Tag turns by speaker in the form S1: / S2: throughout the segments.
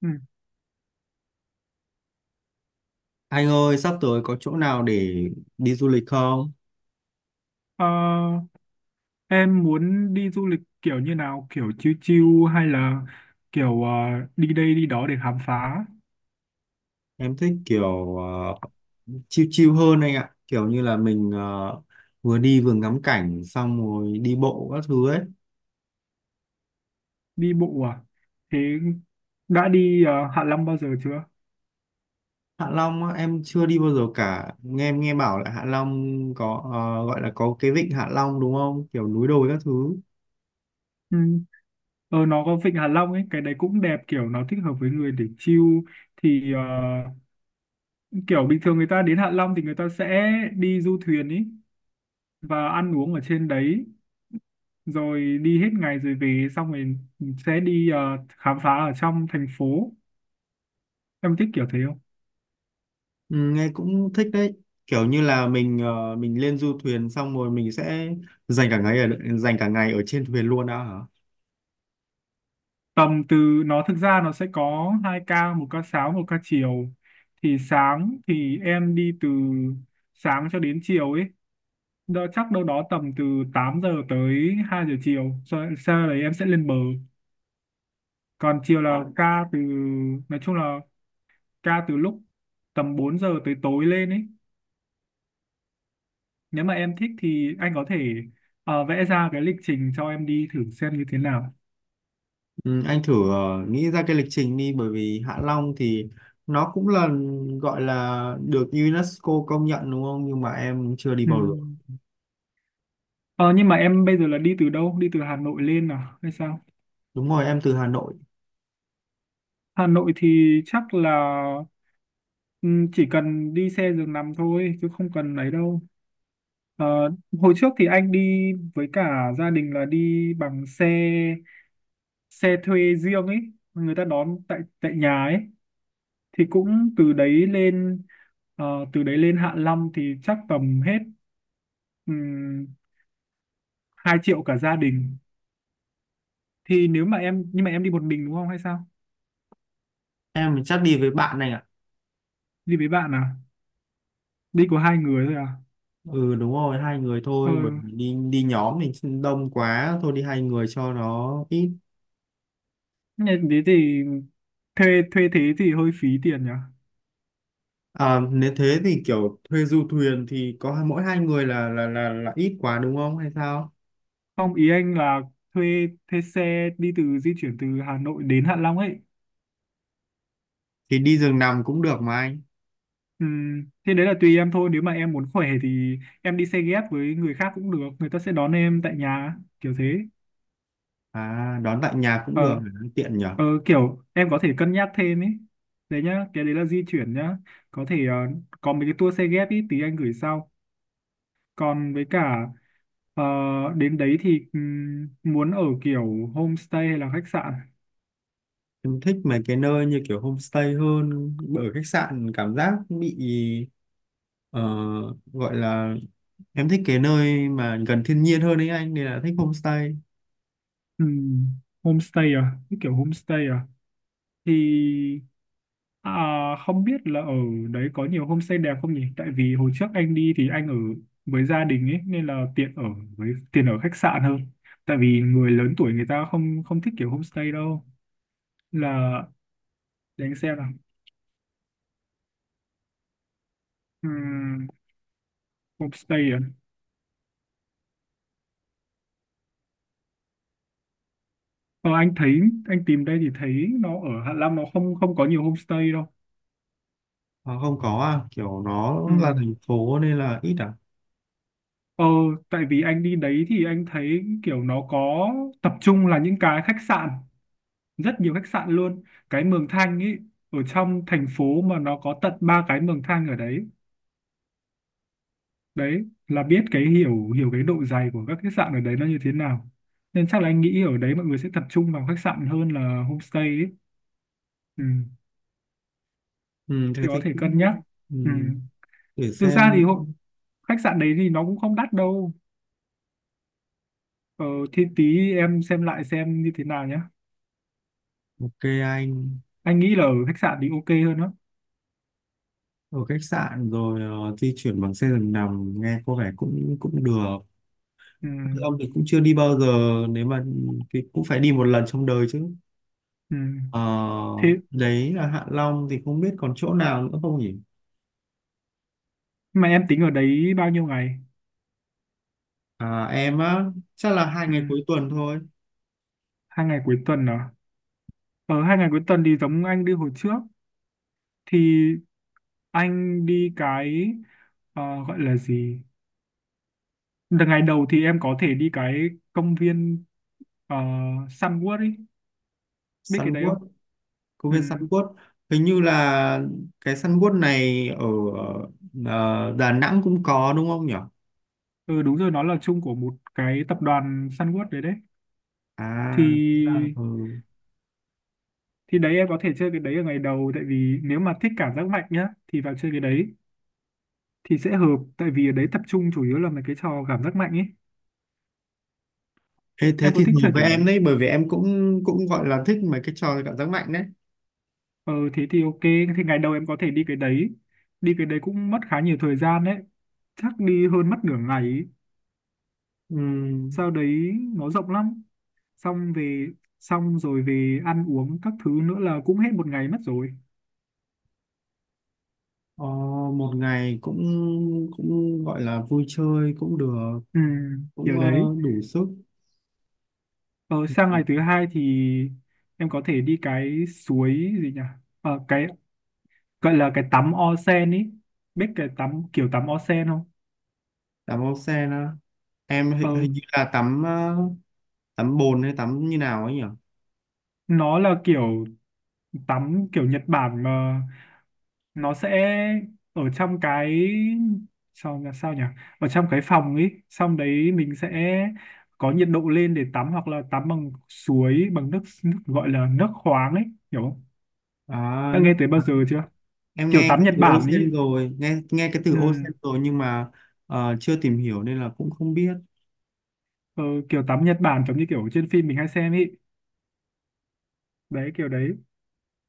S1: Ừ.
S2: Anh ơi, sắp tới có chỗ nào để đi du lịch không?
S1: Ờ, em muốn đi du lịch kiểu như nào, kiểu chill chill hay là kiểu đi đây đi đó để khám phá,
S2: Em thích kiểu chill chill hơn anh ạ. Kiểu như là mình vừa đi vừa ngắm cảnh xong rồi đi bộ các thứ ấy.
S1: đi bộ à? Thế đã đi Hạ Long bao giờ chưa?
S2: Hạ Long á, em chưa đi bao giờ cả. Em nghe bảo là Hạ Long có gọi là có cái vịnh Hạ Long đúng không? Kiểu núi đồi các thứ.
S1: Ừ. Nó có vịnh Hạ Long ấy, cái đấy cũng đẹp, kiểu nó thích hợp với người để chill. Thì kiểu bình thường người ta đến Hạ Long thì người ta sẽ đi du thuyền ấy và ăn uống ở trên đấy, rồi đi hết ngày rồi về, xong rồi sẽ đi khám phá ở trong thành phố. Em thích kiểu thế.
S2: Ừ, nghe cũng thích đấy. Kiểu như là mình lên du thuyền xong rồi mình sẽ dành cả ngày ở dành cả ngày ở trên thuyền luôn đã hả?
S1: Tầm từ, nó thực ra nó sẽ có hai ca, một ca sáng một ca chiều. Thì sáng thì em đi từ sáng cho đến chiều ấy, đó chắc đâu đó tầm từ 8 giờ tới 2 giờ chiều. Sau đấy em sẽ lên bờ, còn chiều là ca từ, nói chung là ca từ lúc tầm 4 giờ tới tối lên ấy. Nếu mà em thích thì anh có thể vẽ ra cái lịch trình cho em đi thử xem như thế nào.
S2: Ừ, anh thử nghĩ ra cái lịch trình đi, bởi vì Hạ Long thì nó cũng là gọi là được UNESCO công nhận đúng không, nhưng mà em chưa đi bao giờ.
S1: Ừm. Ờ, nhưng mà em bây giờ là đi từ đâu, đi từ Hà Nội lên à hay sao?
S2: Đúng rồi, em từ Hà Nội.
S1: Hà Nội thì chắc là, ừ, chỉ cần đi xe giường nằm thôi chứ không cần ấy đâu. Ờ, hồi trước thì anh đi với cả gia đình là đi bằng xe xe thuê riêng ấy, người ta đón tại tại nhà ấy, thì cũng từ đấy lên. Ờ, từ đấy lên Hạ Long thì chắc tầm hết um, 2 triệu cả gia đình. Thì nếu mà em, nhưng mà em đi một mình đúng không hay sao?
S2: Em chắc đi với bạn này ạ.
S1: Đi với bạn à? Đi có hai người thôi à?
S2: Ừ, đúng rồi, hai người
S1: Ờ
S2: thôi, bởi vì đi đi nhóm mình đông quá, thôi đi hai người cho nó ít.
S1: nên thế thì thuê thuê thế thì hơi phí tiền nhỉ.
S2: À, nếu thế thì kiểu thuê du thuyền thì có mỗi hai người là ít quá đúng không hay sao?
S1: Không, ý anh là thuê thuê xe đi từ, di chuyển từ Hà Nội đến Hạ Long ấy.
S2: Thì đi giường nằm cũng được mà anh.
S1: Thế đấy là tùy em thôi, nếu mà em muốn khỏe thì em đi xe ghép với người khác cũng được, người ta sẽ đón em tại nhà kiểu thế.
S2: À, đón tại nhà cũng
S1: ờ
S2: được, tiện nhỉ.
S1: Kiểu em có thể cân nhắc thêm ấy, đấy nhá, cái đấy là di chuyển nhá. Có thể có mấy cái tour xe ghép ý, tí anh gửi sau. Còn với cả ờ, đến đấy thì muốn ở kiểu homestay hay là khách sạn?
S2: Em thích mấy cái nơi như kiểu homestay hơn, ở khách sạn cảm giác bị ờ, gọi là, em thích cái nơi mà gần thiên nhiên hơn ấy anh, nên là thích homestay.
S1: Ừ, homestay à? Cái kiểu homestay à? Thì à, không biết là ở đấy có nhiều homestay đẹp không nhỉ? Tại vì hồi trước anh đi thì anh ở với gia đình ấy nên là tiện ở với tiền ở khách sạn hơn. Tại vì người lớn tuổi người ta không không thích kiểu homestay đâu. Là để anh xem nào. Ừm, homestay à? Ờ, anh thấy, anh tìm đây thì thấy nó ở Hạ Long nó không không có nhiều homestay đâu.
S2: À, không có à? Kiểu nó là
S1: Ừ.
S2: thành phố nên là ít à.
S1: Ờ, tại vì anh đi đấy thì anh thấy kiểu nó có tập trung là những cái khách sạn, rất nhiều khách sạn luôn. Cái Mường Thanh ấy, ở trong thành phố mà nó có tận ba cái Mường Thanh ở đấy. Đấy, là biết cái, hiểu hiểu cái độ dày của các khách sạn ở đấy nó như thế nào. Nên chắc là anh nghĩ ở đấy mọi người sẽ tập trung vào khách sạn hơn là homestay ấy. Ừ,
S2: Ừ, thế
S1: thì có
S2: thì
S1: thể cân nhắc.
S2: cũng, ừ,
S1: Ừ.
S2: để
S1: Thực ra
S2: xem.
S1: thì khách sạn đấy thì nó cũng không đắt đâu. Ờ, thì tí em xem lại xem như thế nào nhé.
S2: OK anh.
S1: Anh nghĩ là ở khách sạn thì ok hơn đó.
S2: Ở khách sạn rồi, di chuyển bằng xe giường nằm nghe có vẻ cũng cũng được.
S1: Ừ,
S2: Ông thì cũng chưa đi bao giờ, nếu mà thì cũng phải đi một lần trong đời chứ.
S1: ừ.
S2: Ờ,
S1: Thế
S2: đấy là Hạ Long, thì không biết còn chỗ nào nữa không nhỉ?
S1: mà em tính ở đấy bao nhiêu ngày?
S2: À, em á, chắc là hai
S1: Ừ,
S2: ngày cuối tuần thôi.
S1: hai ngày cuối tuần à? Ở hai ngày cuối tuần thì giống anh đi hồi trước, thì anh đi cái, ờ, gọi là gì? Ngày đầu thì em có thể đi cái công viên ờ, Sunwood ấy, biết cái
S2: Sun
S1: đấy không?
S2: World, công
S1: Ừ.
S2: viên Sun World. Hình như là cái Sun World này ở Đà Nẵng cũng có đúng không nhỉ?
S1: Ừ, đúng rồi, nó là chung của một cái tập đoàn Sunwood đấy đấy.
S2: À, thế là,
S1: Thì
S2: ừ.
S1: thì đấy em có thể chơi cái đấy ở ngày đầu, tại vì nếu mà thích cảm giác mạnh nhá thì vào chơi cái đấy thì sẽ hợp, tại vì ở đấy tập trung chủ yếu là mấy cái trò cảm giác mạnh ấy.
S2: Thế, thế
S1: Em có
S2: thì
S1: thích
S2: hợp
S1: chơi
S2: với
S1: kiểu đấy
S2: em
S1: không?
S2: đấy, bởi vì em cũng cũng gọi là thích mấy cái trò cảm giác mạnh đấy.
S1: Ờ thế thì ok, thì ngày đầu em có thể đi cái đấy, đi cái đấy cũng mất khá nhiều thời gian đấy, chắc đi hơn mất nửa ngày ấy.
S2: Ừm,
S1: Sau đấy nó rộng lắm, xong về, xong rồi về ăn uống các thứ nữa là cũng hết một ngày mất rồi.
S2: ờ, một ngày cũng cũng gọi là vui chơi cũng được,
S1: Ừ,
S2: cũng
S1: kiểu đấy.
S2: đủ sức.
S1: Ờ, sang ngày thứ hai thì em có thể đi cái suối gì nhỉ, cái gọi là cái tắm onsen ý, biết cái tắm, kiểu tắm onsen không?
S2: Tắm ốc sen á? Em hình,
S1: ờ
S2: hình như là tắm, tắm bồn hay tắm như nào ấy nhỉ.
S1: nó là kiểu tắm kiểu Nhật Bản mà, nó sẽ ở trong cái, sao là sao nhỉ, ở trong cái phòng ấy xong đấy mình sẽ có nhiệt độ lên để tắm hoặc là tắm bằng suối bằng nước, gọi là nước khoáng ấy, hiểu không?
S2: À,
S1: Đã nghe
S2: nước
S1: tới bao
S2: khoáng.
S1: giờ chưa?
S2: Em
S1: Kiểu
S2: nghe
S1: tắm
S2: cái
S1: Nhật
S2: từ
S1: Bản
S2: ocean
S1: ấy.
S2: rồi, nghe nghe cái từ
S1: ừ,
S2: ocean rồi, nhưng mà chưa tìm hiểu nên là cũng không biết.
S1: ờ, kiểu tắm Nhật Bản giống như kiểu trên phim mình hay xem ấy, đấy kiểu đấy.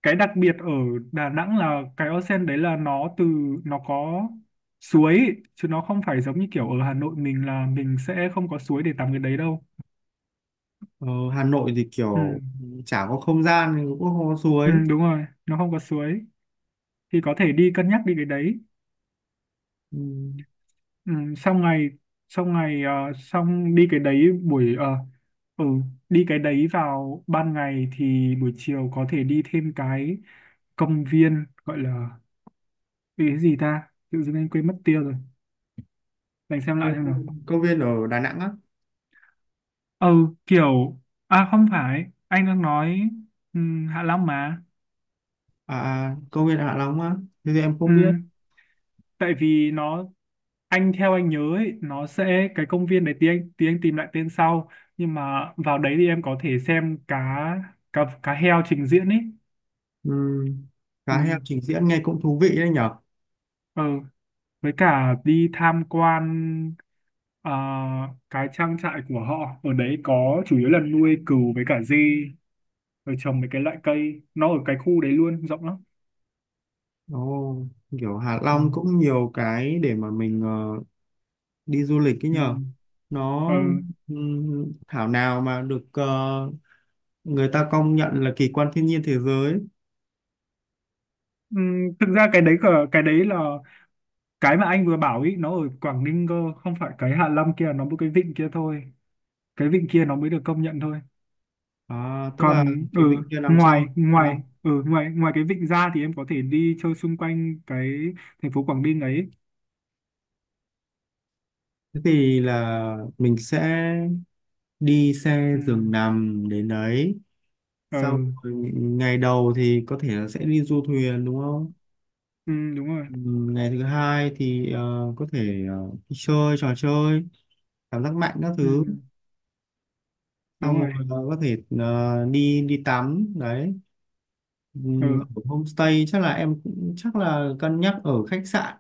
S1: Cái đặc biệt ở Đà Nẵng là cái onsen đấy là nó từ, nó có suối ý, chứ nó không phải giống như kiểu ở Hà Nội mình, là mình sẽ không có suối để tắm cái đấy đâu.
S2: Ờ, Hà Nội thì
S1: Ừ.
S2: kiểu chả có không gian, thì cũng có hồ
S1: Ừ
S2: suối.
S1: đúng rồi, nó không có suối, thì có thể đi cân nhắc đi cái đấy.
S2: Ừ,
S1: Ừ. Xong ngày, xong đi cái đấy buổi, ừ đi cái đấy vào ban ngày thì buổi chiều có thể đi thêm cái công viên gọi là cái gì ta, tự dưng anh quên mất tiêu rồi, để anh xem
S2: công
S1: lại xem nào.
S2: viên công viên ở Đà Nẵng á?
S1: ừ kiểu à không phải, anh đang nói Hạ Long mà.
S2: À, à, công viên Hạ Long á? Thế thì em không biết.
S1: Ừm, tại vì nó, anh theo anh nhớ ấy, nó sẽ cái công viên đấy, tí anh tìm lại tên sau. Nhưng mà vào đấy thì em có thể xem cá cá cá heo trình diễn ấy.
S2: Ừ. Cá heo
S1: Ừm,
S2: trình diễn nghe cũng thú vị đấy nhở.
S1: ừ, với cả đi tham quan ờ, cái trang trại của họ, ở đấy có chủ yếu là nuôi cừu với cả dê, rồi trồng mấy cái loại cây, nó ở cái khu đấy luôn rộng lắm.
S2: Ồ, kiểu Hạ Long
S1: Ừm,
S2: cũng nhiều cái để mà mình đi du lịch ấy nhờ.
S1: ừm.
S2: Nó,
S1: Ờ, ừ.
S2: thảo nào mà được, người ta công nhận là kỳ quan thiên nhiên thế giới.
S1: Thực ra cái đấy, cái đấy là cái mà anh vừa bảo ý, nó ở Quảng Ninh cơ, không phải cái Hạ Long kia, nó một cái vịnh kia thôi, cái vịnh kia nó mới được công nhận thôi.
S2: À, tức là
S1: Còn
S2: cái vịnh kia nằm trong
S1: ngoài
S2: Long.
S1: ngoài ừ, ngoài ngoài cái vịnh ra thì em có thể đi chơi xung quanh cái thành phố Quảng Ninh ấy.
S2: Thế thì là mình sẽ đi xe
S1: Ừ.
S2: giường nằm đến đấy,
S1: Ừ.
S2: sau rồi ngày đầu thì có thể là sẽ đi du thuyền đúng không?
S1: Ừ, đúng rồi.
S2: Ngày thứ hai thì có thể đi chơi trò chơi cảm giác mạnh các
S1: Ừ.
S2: thứ, xong
S1: Đúng
S2: rồi
S1: rồi.
S2: có thể đi đi tắm đấy. Ừ,
S1: Ừ.
S2: ở homestay, chắc là em cũng chắc là cân nhắc ở khách sạn.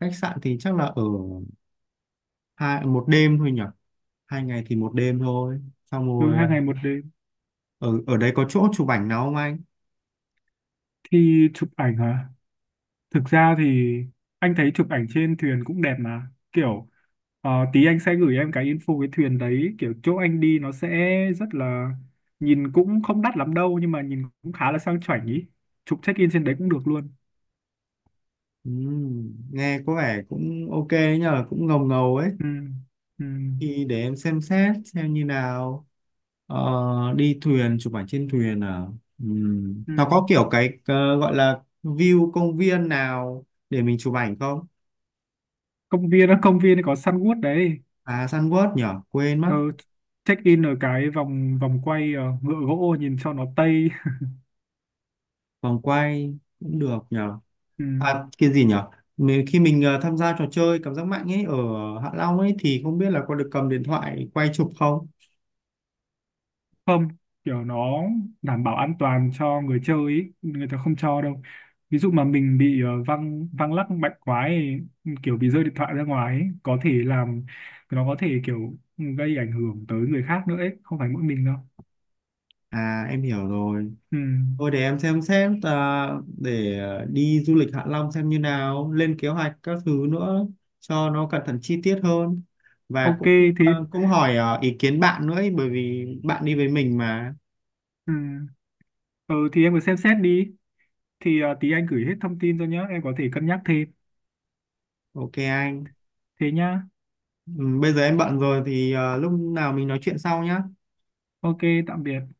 S2: Khách sạn thì chắc là ở hai một đêm thôi nhỉ, hai ngày thì một đêm thôi, xong
S1: Ừ,
S2: rồi
S1: hai ngày một đêm.
S2: ở ở đấy có chỗ chụp ảnh nào không anh?
S1: Thì chụp ảnh hả? Thực ra thì anh thấy chụp ảnh trên thuyền cũng đẹp mà. Kiểu tí anh sẽ gửi em cái info cái thuyền đấy. Kiểu chỗ anh đi nó sẽ rất là, nhìn cũng không đắt lắm đâu nhưng mà nhìn cũng khá là sang chảnh ý. Chụp check in trên đấy cũng được luôn.
S2: Ừ, nghe có vẻ cũng OK đấy nhờ, cũng ngầu ngầu ấy,
S1: Ừ, ừ,
S2: thì để em xem xét xem như nào. Ờ, đi thuyền, chụp ảnh trên thuyền à? Ừ. Nó
S1: ừ.
S2: có kiểu cái, gọi là view công viên nào để mình chụp ảnh không?
S1: Công viên á, công viên có săn gút đấy.
S2: À, Sunward nhỉ, quên mất.
S1: Ờ, check in ở cái vòng vòng quay, ngựa gỗ nhìn cho nó tây.
S2: Vòng quay cũng được nhờ.
S1: Ừ.
S2: À, cái gì nhở? Khi mình tham gia trò chơi cảm giác mạnh ấy ở Hạ Long ấy, thì không biết là có được cầm điện thoại quay chụp không?
S1: Không, kiểu nó đảm bảo an toàn cho người chơi ý, người ta không cho đâu. Ví dụ mà mình bị văng văng lắc mạnh quá ấy, kiểu bị rơi điện thoại ra ngoài ấy, có thể làm, nó có thể kiểu gây ảnh hưởng tới người khác nữa ấy, không phải mỗi mình đâu.
S2: À, em hiểu rồi.
S1: Ừ.
S2: Thôi để em xem, à, để đi du lịch Hạ Long xem như nào, lên kế hoạch các thứ nữa cho nó cẩn thận chi tiết hơn, và
S1: Ok
S2: cũng
S1: thì
S2: cũng hỏi ý kiến bạn nữa ấy, bởi vì bạn đi với mình mà.
S1: ừ. Ừ thì em cứ xem xét đi, thì tí anh gửi hết thông tin cho nhá, em có thể cân nhắc thêm.
S2: OK anh.
S1: Thế nhá.
S2: Ừ, bây giờ em bận rồi thì lúc nào mình nói chuyện sau nhá.
S1: Ok. Tạm biệt.